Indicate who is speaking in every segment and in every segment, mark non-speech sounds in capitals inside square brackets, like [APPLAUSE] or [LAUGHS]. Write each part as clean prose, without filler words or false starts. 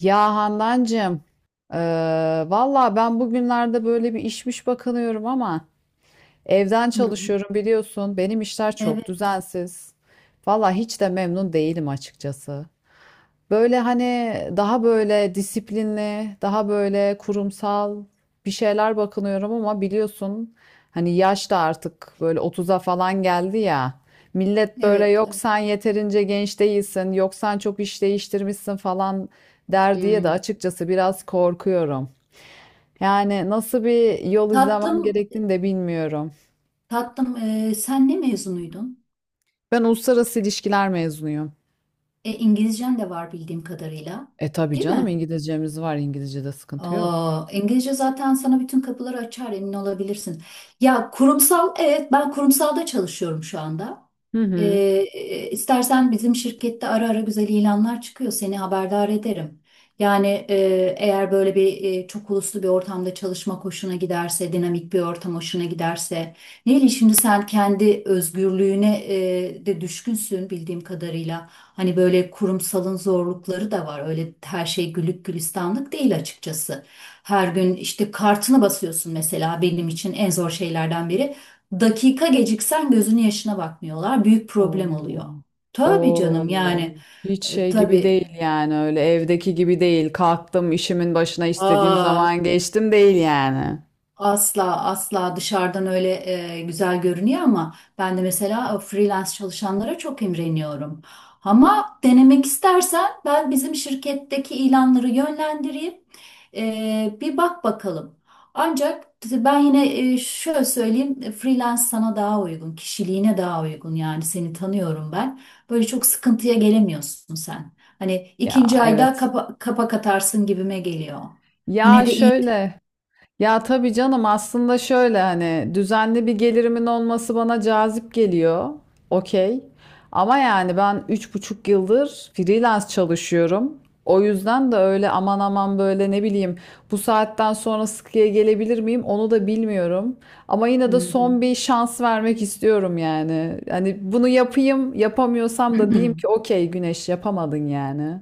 Speaker 1: Ya Handancığım, valla ben bugünlerde böyle bir işmiş bakınıyorum ama evden
Speaker 2: Hı hı.
Speaker 1: çalışıyorum biliyorsun. Benim işler çok
Speaker 2: Evet,
Speaker 1: düzensiz. Valla hiç de memnun değilim açıkçası. Böyle hani daha böyle disiplinli, daha böyle kurumsal bir şeyler bakınıyorum ama biliyorsun hani yaş da artık böyle 30'a falan geldi ya. Millet böyle
Speaker 2: evet.
Speaker 1: yok
Speaker 2: Evet.
Speaker 1: sen yeterince genç değilsin, yok sen çok iş değiştirmişsin falan der diye de
Speaker 2: Hmm.
Speaker 1: açıkçası biraz korkuyorum. Yani nasıl bir yol izlemem
Speaker 2: Tatlım,
Speaker 1: gerektiğini de bilmiyorum.
Speaker 2: tatlım sen ne mezunuydun?
Speaker 1: Ben uluslararası ilişkiler mezunuyum.
Speaker 2: İngilizcen de var bildiğim kadarıyla.
Speaker 1: E tabii
Speaker 2: Değil
Speaker 1: canım
Speaker 2: mi?
Speaker 1: İngilizcemiz var. İngilizce'de sıkıntı yok.
Speaker 2: Aa, İngilizce zaten sana bütün kapıları açar emin olabilirsin. Ya kurumsal, evet ben kurumsalda çalışıyorum şu anda.
Speaker 1: Hı
Speaker 2: Ee,
Speaker 1: hı.
Speaker 2: e, istersen bizim şirkette ara ara güzel ilanlar çıkıyor. Seni haberdar ederim. Yani eğer böyle bir çok uluslu bir ortamda çalışmak hoşuna giderse, dinamik bir ortam hoşuna giderse. Neyli şimdi sen kendi özgürlüğüne de düşkünsün bildiğim kadarıyla. Hani böyle kurumsalın zorlukları da var. Öyle her şey güllük gülistanlık değil açıkçası. Her gün işte kartını basıyorsun mesela benim için en zor şeylerden biri. Dakika geciksen gözünün yaşına bakmıyorlar. Büyük problem oluyor.
Speaker 1: Oo.
Speaker 2: Tabii canım
Speaker 1: Oo.
Speaker 2: yani
Speaker 1: Hiç şey gibi
Speaker 2: tabii.
Speaker 1: değil yani öyle evdeki gibi değil. Kalktım işimin başına istediğim
Speaker 2: Aa,
Speaker 1: zaman geçtim değil yani.
Speaker 2: asla asla dışarıdan öyle güzel görünüyor ama ben de mesela freelance çalışanlara çok imreniyorum. Ama denemek istersen ben bizim şirketteki ilanları yönlendireyim. Bir bak bakalım. Ancak ben yine şöyle söyleyeyim freelance sana daha uygun, kişiliğine daha uygun yani seni tanıyorum ben. Böyle çok sıkıntıya gelemiyorsun sen. Hani
Speaker 1: Ya
Speaker 2: ikinci ayda
Speaker 1: evet.
Speaker 2: kapak atarsın gibime geliyor. Yine
Speaker 1: Ya
Speaker 2: de iyi.
Speaker 1: şöyle. Ya tabii canım aslında şöyle hani düzenli bir gelirimin olması bana cazip geliyor. Okey. Ama yani ben 3,5 yıldır freelance çalışıyorum. O yüzden de öyle aman aman böyle ne bileyim bu saatten sonra sıkıya gelebilir miyim onu da bilmiyorum. Ama yine de
Speaker 2: Hı
Speaker 1: son bir şans vermek istiyorum yani. Hani bunu yapayım yapamıyorsam da diyeyim
Speaker 2: hı.
Speaker 1: ki
Speaker 2: [LAUGHS]
Speaker 1: okey Güneş yapamadın yani.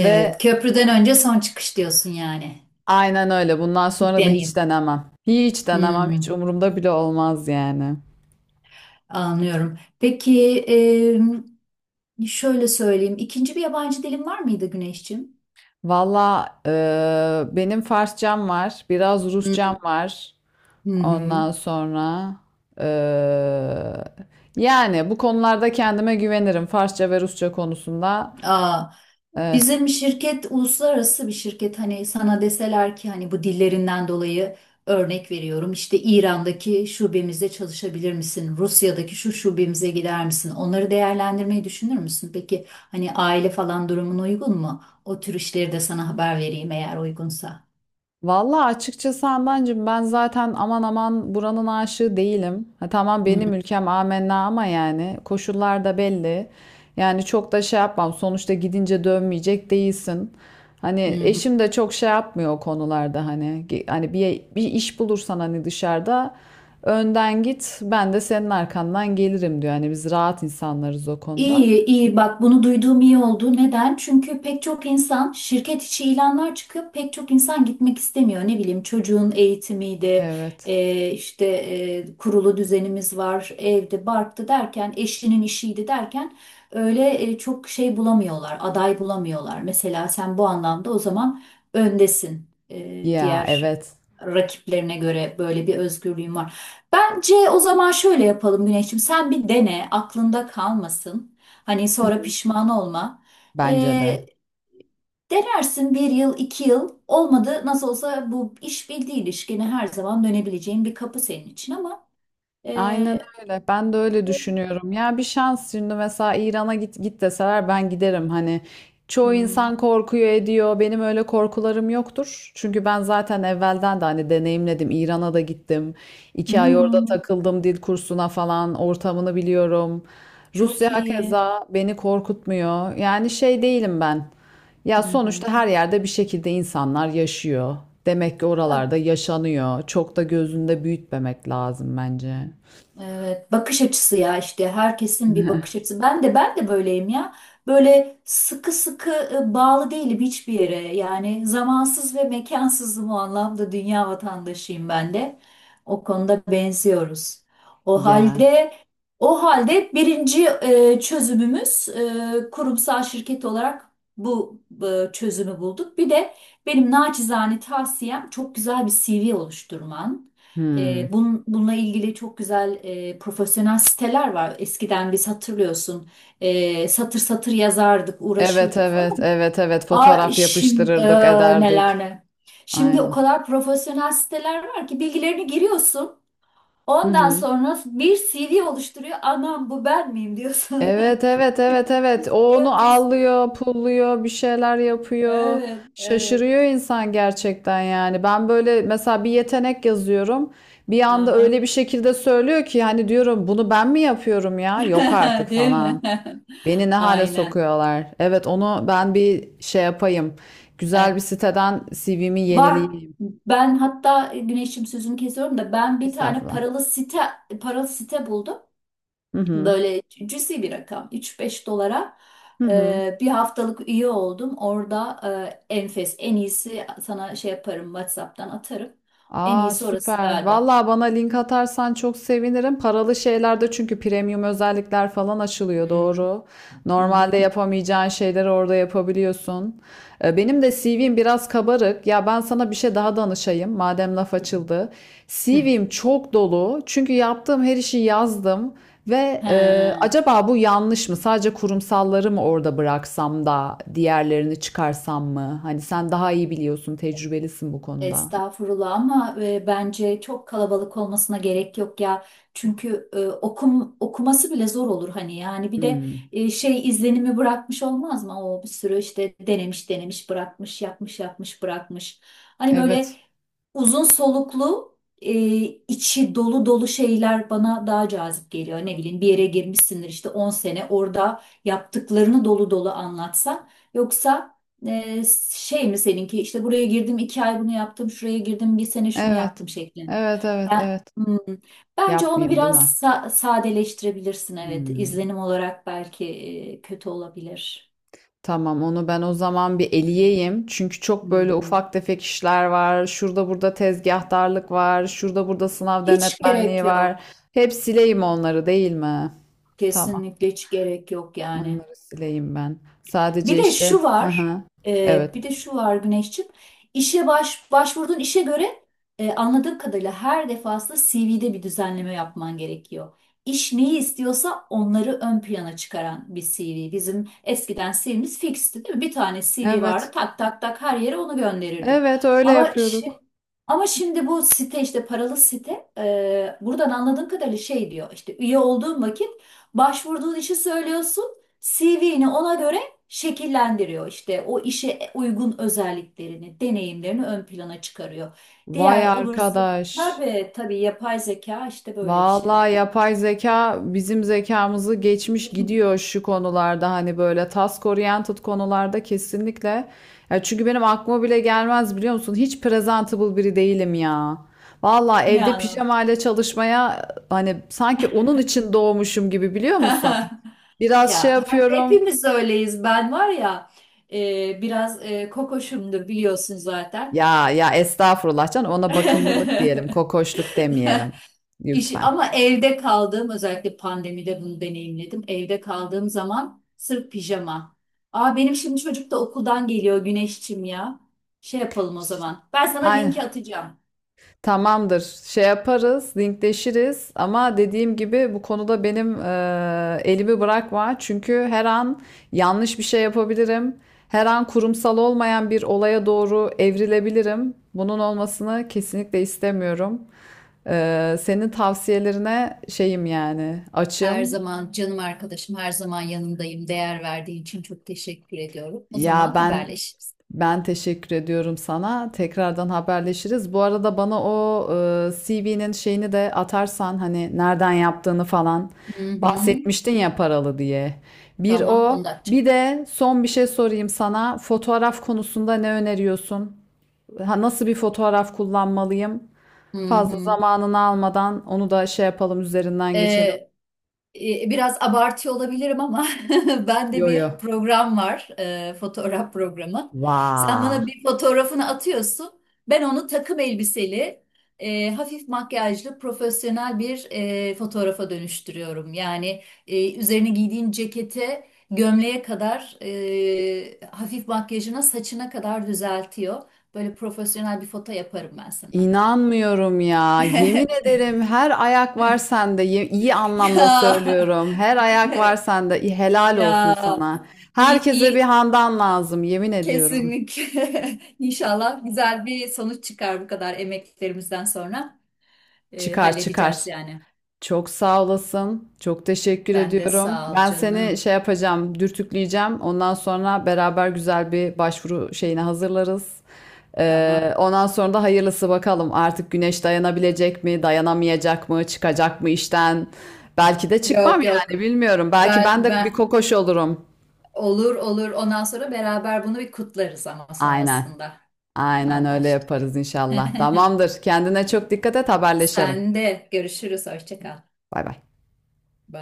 Speaker 1: Ve
Speaker 2: köprüden önce son çıkış diyorsun yani.
Speaker 1: Aynen öyle. Bundan sonra da hiç
Speaker 2: Deneyim.
Speaker 1: denemem. Hiç denemem. Hiç
Speaker 2: Hmm,
Speaker 1: umurumda bile olmaz yani.
Speaker 2: Anlıyorum. Peki şöyle söyleyeyim. İkinci bir yabancı dilin var mıydı Güneşciğim?
Speaker 1: Valla benim Farsçam var. Biraz
Speaker 2: Hı
Speaker 1: Rusçam var.
Speaker 2: hı. Hı.
Speaker 1: Ondan sonra e, yani bu konularda kendime güvenirim. Farsça ve Rusça konusunda.
Speaker 2: Aa,
Speaker 1: Evet.
Speaker 2: bizim şirket uluslararası bir şirket. Hani sana deseler ki hani bu dillerinden dolayı örnek veriyorum. İşte İran'daki şubemizde çalışabilir misin? Rusya'daki şu şubemize gider misin? Onları değerlendirmeyi düşünür müsün? Peki hani aile falan durumun uygun mu? O tür işleri de sana haber vereyim eğer uygunsa.
Speaker 1: Vallahi açıkçası Handancığım ben zaten aman aman buranın aşığı değilim. Ha, tamam
Speaker 2: Hı
Speaker 1: benim ülkem amenna ama yani koşullar da belli. Yani çok da şey yapmam. Sonuçta gidince dönmeyecek değilsin. Hani
Speaker 2: hı.
Speaker 1: eşim de çok şey yapmıyor o konularda hani hani bir iş bulursan hani dışarıda önden git ben de senin arkandan gelirim diyor. Hani biz rahat insanlarız o konuda.
Speaker 2: İyi, iyi. Bak bunu duyduğum iyi oldu. Neden? Çünkü pek çok insan şirket içi ilanlar çıkıyor. Pek çok insan gitmek istemiyor. Ne bileyim çocuğun eğitimiydi,
Speaker 1: Evet.
Speaker 2: işte kurulu düzenimiz var, evde, barktı derken, eşinin işiydi derken öyle çok şey bulamıyorlar, aday bulamıyorlar. Mesela sen bu anlamda o zaman öndesin.
Speaker 1: Ya
Speaker 2: Diğer
Speaker 1: evet,
Speaker 2: rakiplerine göre böyle bir özgürlüğün var. Bence o zaman şöyle yapalım Güneş'im. Sen bir dene, aklında kalmasın. Hani sonra pişman olma.
Speaker 1: bence
Speaker 2: Ee,
Speaker 1: de.
Speaker 2: Denersin bir yıl, iki yıl. Olmadı nasıl olsa bu iş bildiği ilişkine her zaman dönebileceğin bir kapı senin için ama
Speaker 1: Aynen
Speaker 2: e,
Speaker 1: öyle. Ben de öyle düşünüyorum. Ya bir şans şimdi mesela İran'a git git deseler ben giderim. Hani çoğu
Speaker 2: hmm,
Speaker 1: insan korkuyor ediyor. Benim öyle korkularım yoktur. Çünkü ben zaten evvelden de hani deneyimledim. İran'a da gittim. 2 ay orada
Speaker 2: hmm,
Speaker 1: takıldım dil kursuna falan. Ortamını biliyorum. Rusya
Speaker 2: çok iyi.
Speaker 1: keza beni korkutmuyor. Yani şey değilim ben.
Speaker 2: Hı
Speaker 1: Ya
Speaker 2: hı.
Speaker 1: sonuçta her yerde bir şekilde insanlar yaşıyor. Demek ki oralarda yaşanıyor. Çok da gözünde büyütmemek lazım bence.
Speaker 2: Evet, bakış açısı ya işte herkesin bir bakış açısı. Ben de ben de böyleyim ya. Böyle sıkı sıkı bağlı değilim hiçbir yere. Yani zamansız ve mekansızım o anlamda dünya vatandaşıyım ben de. O konuda benziyoruz. O
Speaker 1: Ya.
Speaker 2: halde birinci çözümümüz kurumsal şirket olarak bu çözümü bulduk. Bir de benim naçizane tavsiyem çok güzel bir CV oluşturman.
Speaker 1: Hımm.
Speaker 2: Bununla ilgili çok güzel profesyonel siteler var. Eskiden biz hatırlıyorsun satır satır yazardık,
Speaker 1: Evet,
Speaker 2: uğraşırdık
Speaker 1: evet,
Speaker 2: falan.
Speaker 1: evet, evet.
Speaker 2: Aa
Speaker 1: Fotoğraf
Speaker 2: şimdi
Speaker 1: yapıştırırdık,
Speaker 2: neler
Speaker 1: ederdik.
Speaker 2: ne. Şimdi o
Speaker 1: Aynen.
Speaker 2: kadar profesyonel siteler var ki bilgilerini giriyorsun.
Speaker 1: Hı
Speaker 2: Ondan
Speaker 1: hı.
Speaker 2: sonra bir CV oluşturuyor. Anam bu ben miyim diyorsun.
Speaker 1: Evet,
Speaker 2: [LAUGHS]
Speaker 1: evet, evet, evet. O
Speaker 2: Pisliyor,
Speaker 1: onu
Speaker 2: pisliyor.
Speaker 1: allıyor, pulluyor, bir şeyler yapıyor.
Speaker 2: Evet, evet.
Speaker 1: Şaşırıyor insan gerçekten yani. Ben böyle mesela bir yetenek yazıyorum. Bir anda
Speaker 2: Aha.
Speaker 1: öyle bir şekilde söylüyor ki hani diyorum bunu ben mi yapıyorum ya? Yok artık
Speaker 2: [LAUGHS] Değil mi?
Speaker 1: falan. Beni ne
Speaker 2: [LAUGHS]
Speaker 1: hale
Speaker 2: Aynen.
Speaker 1: sokuyorlar. Evet, onu ben bir şey yapayım. Güzel bir
Speaker 2: Evet.
Speaker 1: siteden CV'mi
Speaker 2: Var.
Speaker 1: yenileyeyim.
Speaker 2: Ben hatta Güneş'im sözünü kesiyorum da ben bir tane
Speaker 1: Estağfurullah.
Speaker 2: paralı site buldum.
Speaker 1: Hı hı.
Speaker 2: Böyle cüzi bir rakam. Üç beş dolara
Speaker 1: Hı hı.
Speaker 2: bir haftalık üye oldum. Orada enfes en iyisi sana şey yaparım WhatsApp'tan atarım. En
Speaker 1: Aa
Speaker 2: iyisi orası
Speaker 1: süper.
Speaker 2: galiba.
Speaker 1: Vallahi bana link atarsan çok sevinirim. Paralı şeylerde çünkü premium özellikler falan açılıyor
Speaker 2: Hmm.
Speaker 1: doğru.
Speaker 2: Hı hı
Speaker 1: Normalde
Speaker 2: hı.
Speaker 1: yapamayacağın şeyleri orada yapabiliyorsun. Benim de CV'm biraz kabarık. Ya ben sana bir şey daha danışayım madem laf açıldı.
Speaker 2: Hı.
Speaker 1: CV'm çok dolu. Çünkü yaptığım her işi yazdım. Ve
Speaker 2: He.
Speaker 1: acaba bu yanlış mı? Sadece kurumsalları mı orada bıraksam da diğerlerini çıkarsam mı? Hani sen daha iyi biliyorsun, tecrübelisin bu konuda.
Speaker 2: Estağfurullah ama bence çok kalabalık olmasına gerek yok ya. Çünkü okuması bile zor olur hani yani bir de
Speaker 1: Hmm.
Speaker 2: şey izlenimi bırakmış olmaz mı? O bir sürü işte denemiş denemiş bırakmış yapmış yapmış bırakmış. Hani böyle
Speaker 1: Evet.
Speaker 2: uzun soluklu e, içi dolu dolu şeyler bana daha cazip geliyor. Ne bileyim bir yere girmişsindir işte 10 sene orada yaptıklarını dolu dolu anlatsan yoksa e, şey mi seninki işte buraya girdim 2 ay bunu yaptım şuraya girdim bir sene şunu
Speaker 1: Evet.
Speaker 2: yaptım şeklinde.
Speaker 1: Evet, evet,
Speaker 2: Ben
Speaker 1: evet.
Speaker 2: hmm, bence onu
Speaker 1: Yapmayayım, değil
Speaker 2: biraz
Speaker 1: mi?
Speaker 2: sadeleştirebilirsin evet
Speaker 1: Hmm.
Speaker 2: izlenim olarak belki kötü olabilir.
Speaker 1: Tamam, onu ben o zaman bir
Speaker 2: Hmm.
Speaker 1: eleyeyim. Çünkü
Speaker 2: Hı
Speaker 1: çok böyle
Speaker 2: hı.
Speaker 1: ufak tefek işler var. Şurada burada tezgahtarlık var. Şurada burada sınav
Speaker 2: Hiç gerek
Speaker 1: denetmenliği var.
Speaker 2: yok
Speaker 1: Hep sileyim onları, değil mi? Tamam,
Speaker 2: kesinlikle hiç gerek yok yani.
Speaker 1: onları sileyim ben.
Speaker 2: Bir
Speaker 1: Sadece
Speaker 2: de
Speaker 1: işte,
Speaker 2: şu var,
Speaker 1: aha. Evet.
Speaker 2: bir de şu var Güneşciğim. İşe başvurduğun işe göre anladığım kadarıyla her defasında CV'de bir düzenleme yapman gerekiyor. İş neyi istiyorsa onları ön plana çıkaran bir CV. Bizim eskiden CV'miz fixti değil mi? Bir tane CV vardı
Speaker 1: Evet.
Speaker 2: tak tak tak her yere onu gönderirdik.
Speaker 1: Evet, öyle
Speaker 2: Ama şimdi,
Speaker 1: yapıyorduk.
Speaker 2: ama şimdi bu site işte paralı site buradan anladığım kadarıyla şey diyor işte üye olduğun vakit başvurduğun işi söylüyorsun CV'ni ona göre şekillendiriyor işte o işe uygun özelliklerini, deneyimlerini ön plana çıkarıyor.
Speaker 1: Vay
Speaker 2: Diğer ıvır zıvır
Speaker 1: arkadaş.
Speaker 2: tabii tabii yapay zeka işte böyle bir şey
Speaker 1: Vallahi
Speaker 2: artık.
Speaker 1: yapay zeka bizim zekamızı geçmiş
Speaker 2: [LAUGHS]
Speaker 1: gidiyor şu konularda hani böyle task oriented konularda kesinlikle. Ya çünkü benim aklıma bile gelmez biliyor musun? Hiç presentable biri değilim ya. Vallahi
Speaker 2: Ne
Speaker 1: evde
Speaker 2: anlam?
Speaker 1: pijamayla çalışmaya hani sanki onun için doğmuşum gibi biliyor musun?
Speaker 2: [LAUGHS]
Speaker 1: Biraz şey
Speaker 2: Ya
Speaker 1: yapıyorum.
Speaker 2: hepimiz öyleyiz. Ben var ya biraz kokoşumdur biliyorsun zaten.
Speaker 1: Ya ya estağfurullah canım, ona bakımlılık diyelim, kokoşluk
Speaker 2: [LAUGHS]
Speaker 1: demeyelim lütfen.
Speaker 2: Ama evde kaldığım özellikle pandemide bunu deneyimledim. Evde kaldığım zaman sırf pijama. Aa benim şimdi çocuk da okuldan geliyor Güneşçim ya. Şey yapalım o
Speaker 1: Ş-
Speaker 2: zaman. Ben sana linki
Speaker 1: Aynen.
Speaker 2: atacağım.
Speaker 1: Tamamdır. Şey yaparız, linkleşiriz ama dediğim gibi bu konuda benim elimi bırakma. Çünkü her an yanlış bir şey yapabilirim. Her an kurumsal olmayan bir olaya doğru evrilebilirim. Bunun olmasını kesinlikle istemiyorum. Senin tavsiyelerine şeyim yani
Speaker 2: Her
Speaker 1: açım.
Speaker 2: zaman canım arkadaşım, her zaman yanındayım. Değer verdiğin için çok teşekkür ediyorum. O
Speaker 1: Ya
Speaker 2: zaman
Speaker 1: ben
Speaker 2: haberleşiriz.
Speaker 1: Ben teşekkür ediyorum sana. Tekrardan haberleşiriz. Bu arada bana o e, C CV'nin şeyini de atarsan hani nereden yaptığını falan
Speaker 2: Hı hı.
Speaker 1: bahsetmiştin ya paralı diye. Bir
Speaker 2: Tamam, 10
Speaker 1: o,
Speaker 2: dakika.
Speaker 1: bir de son bir şey sorayım sana. Fotoğraf konusunda ne öneriyorsun? Ha, nasıl bir fotoğraf kullanmalıyım?
Speaker 2: Hı
Speaker 1: Fazla
Speaker 2: hı.
Speaker 1: zamanını almadan onu da şey yapalım üzerinden
Speaker 2: Ee,
Speaker 1: geçelim.
Speaker 2: Biraz abartıyor olabilirim ama [LAUGHS] bende
Speaker 1: Yo
Speaker 2: bir
Speaker 1: yo.
Speaker 2: program var, fotoğraf programı. Sen
Speaker 1: Vaa.
Speaker 2: bana bir fotoğrafını atıyorsun, ben onu takım elbiseli, hafif makyajlı, profesyonel bir fotoğrafa dönüştürüyorum. Yani üzerine giydiğin cekete, gömleğe kadar, hafif makyajına, saçına kadar düzeltiyor. Böyle profesyonel bir foto yaparım ben sana.
Speaker 1: İnanmıyorum ya. Yemin
Speaker 2: [LAUGHS]
Speaker 1: ederim her ayak var sende. İyi anlamda
Speaker 2: Ya,
Speaker 1: söylüyorum. Her ayak var
Speaker 2: [LAUGHS]
Speaker 1: sende. İyi, helal
Speaker 2: ya.
Speaker 1: olsun sana.
Speaker 2: İyi,
Speaker 1: Herkese bir
Speaker 2: iyi.
Speaker 1: Handan lazım. Yemin ediyorum.
Speaker 2: Kesinlikle. [LAUGHS] İnşallah güzel bir sonuç çıkar bu kadar emeklerimizden sonra.
Speaker 1: Çıkar çıkar.
Speaker 2: Halledeceğiz yani.
Speaker 1: Çok sağ olasın. Çok teşekkür
Speaker 2: Sen de
Speaker 1: ediyorum.
Speaker 2: sağ ol
Speaker 1: Ben seni
Speaker 2: canım.
Speaker 1: şey yapacağım, dürtükleyeceğim. Ondan sonra beraber güzel bir başvuru şeyine hazırlarız. Ee,
Speaker 2: Tamam.
Speaker 1: ondan sonra da hayırlısı bakalım. Artık Güneş dayanabilecek mi, dayanamayacak mı, çıkacak mı işten? Belki de çıkmam
Speaker 2: Yok
Speaker 1: yani
Speaker 2: yok.
Speaker 1: bilmiyorum. Belki ben
Speaker 2: Ben
Speaker 1: de bir
Speaker 2: ben
Speaker 1: kokoş olurum.
Speaker 2: olur olur. Ondan sonra beraber bunu bir kutlarız ama
Speaker 1: Aynen.
Speaker 2: sonrasında
Speaker 1: Aynen öyle
Speaker 2: anlaştık.
Speaker 1: yaparız
Speaker 2: [LAUGHS]
Speaker 1: inşallah. Tamamdır. Kendine çok dikkat et, haberleşelim.
Speaker 2: Sen de görüşürüz. Hoşça kal.
Speaker 1: Bay bay.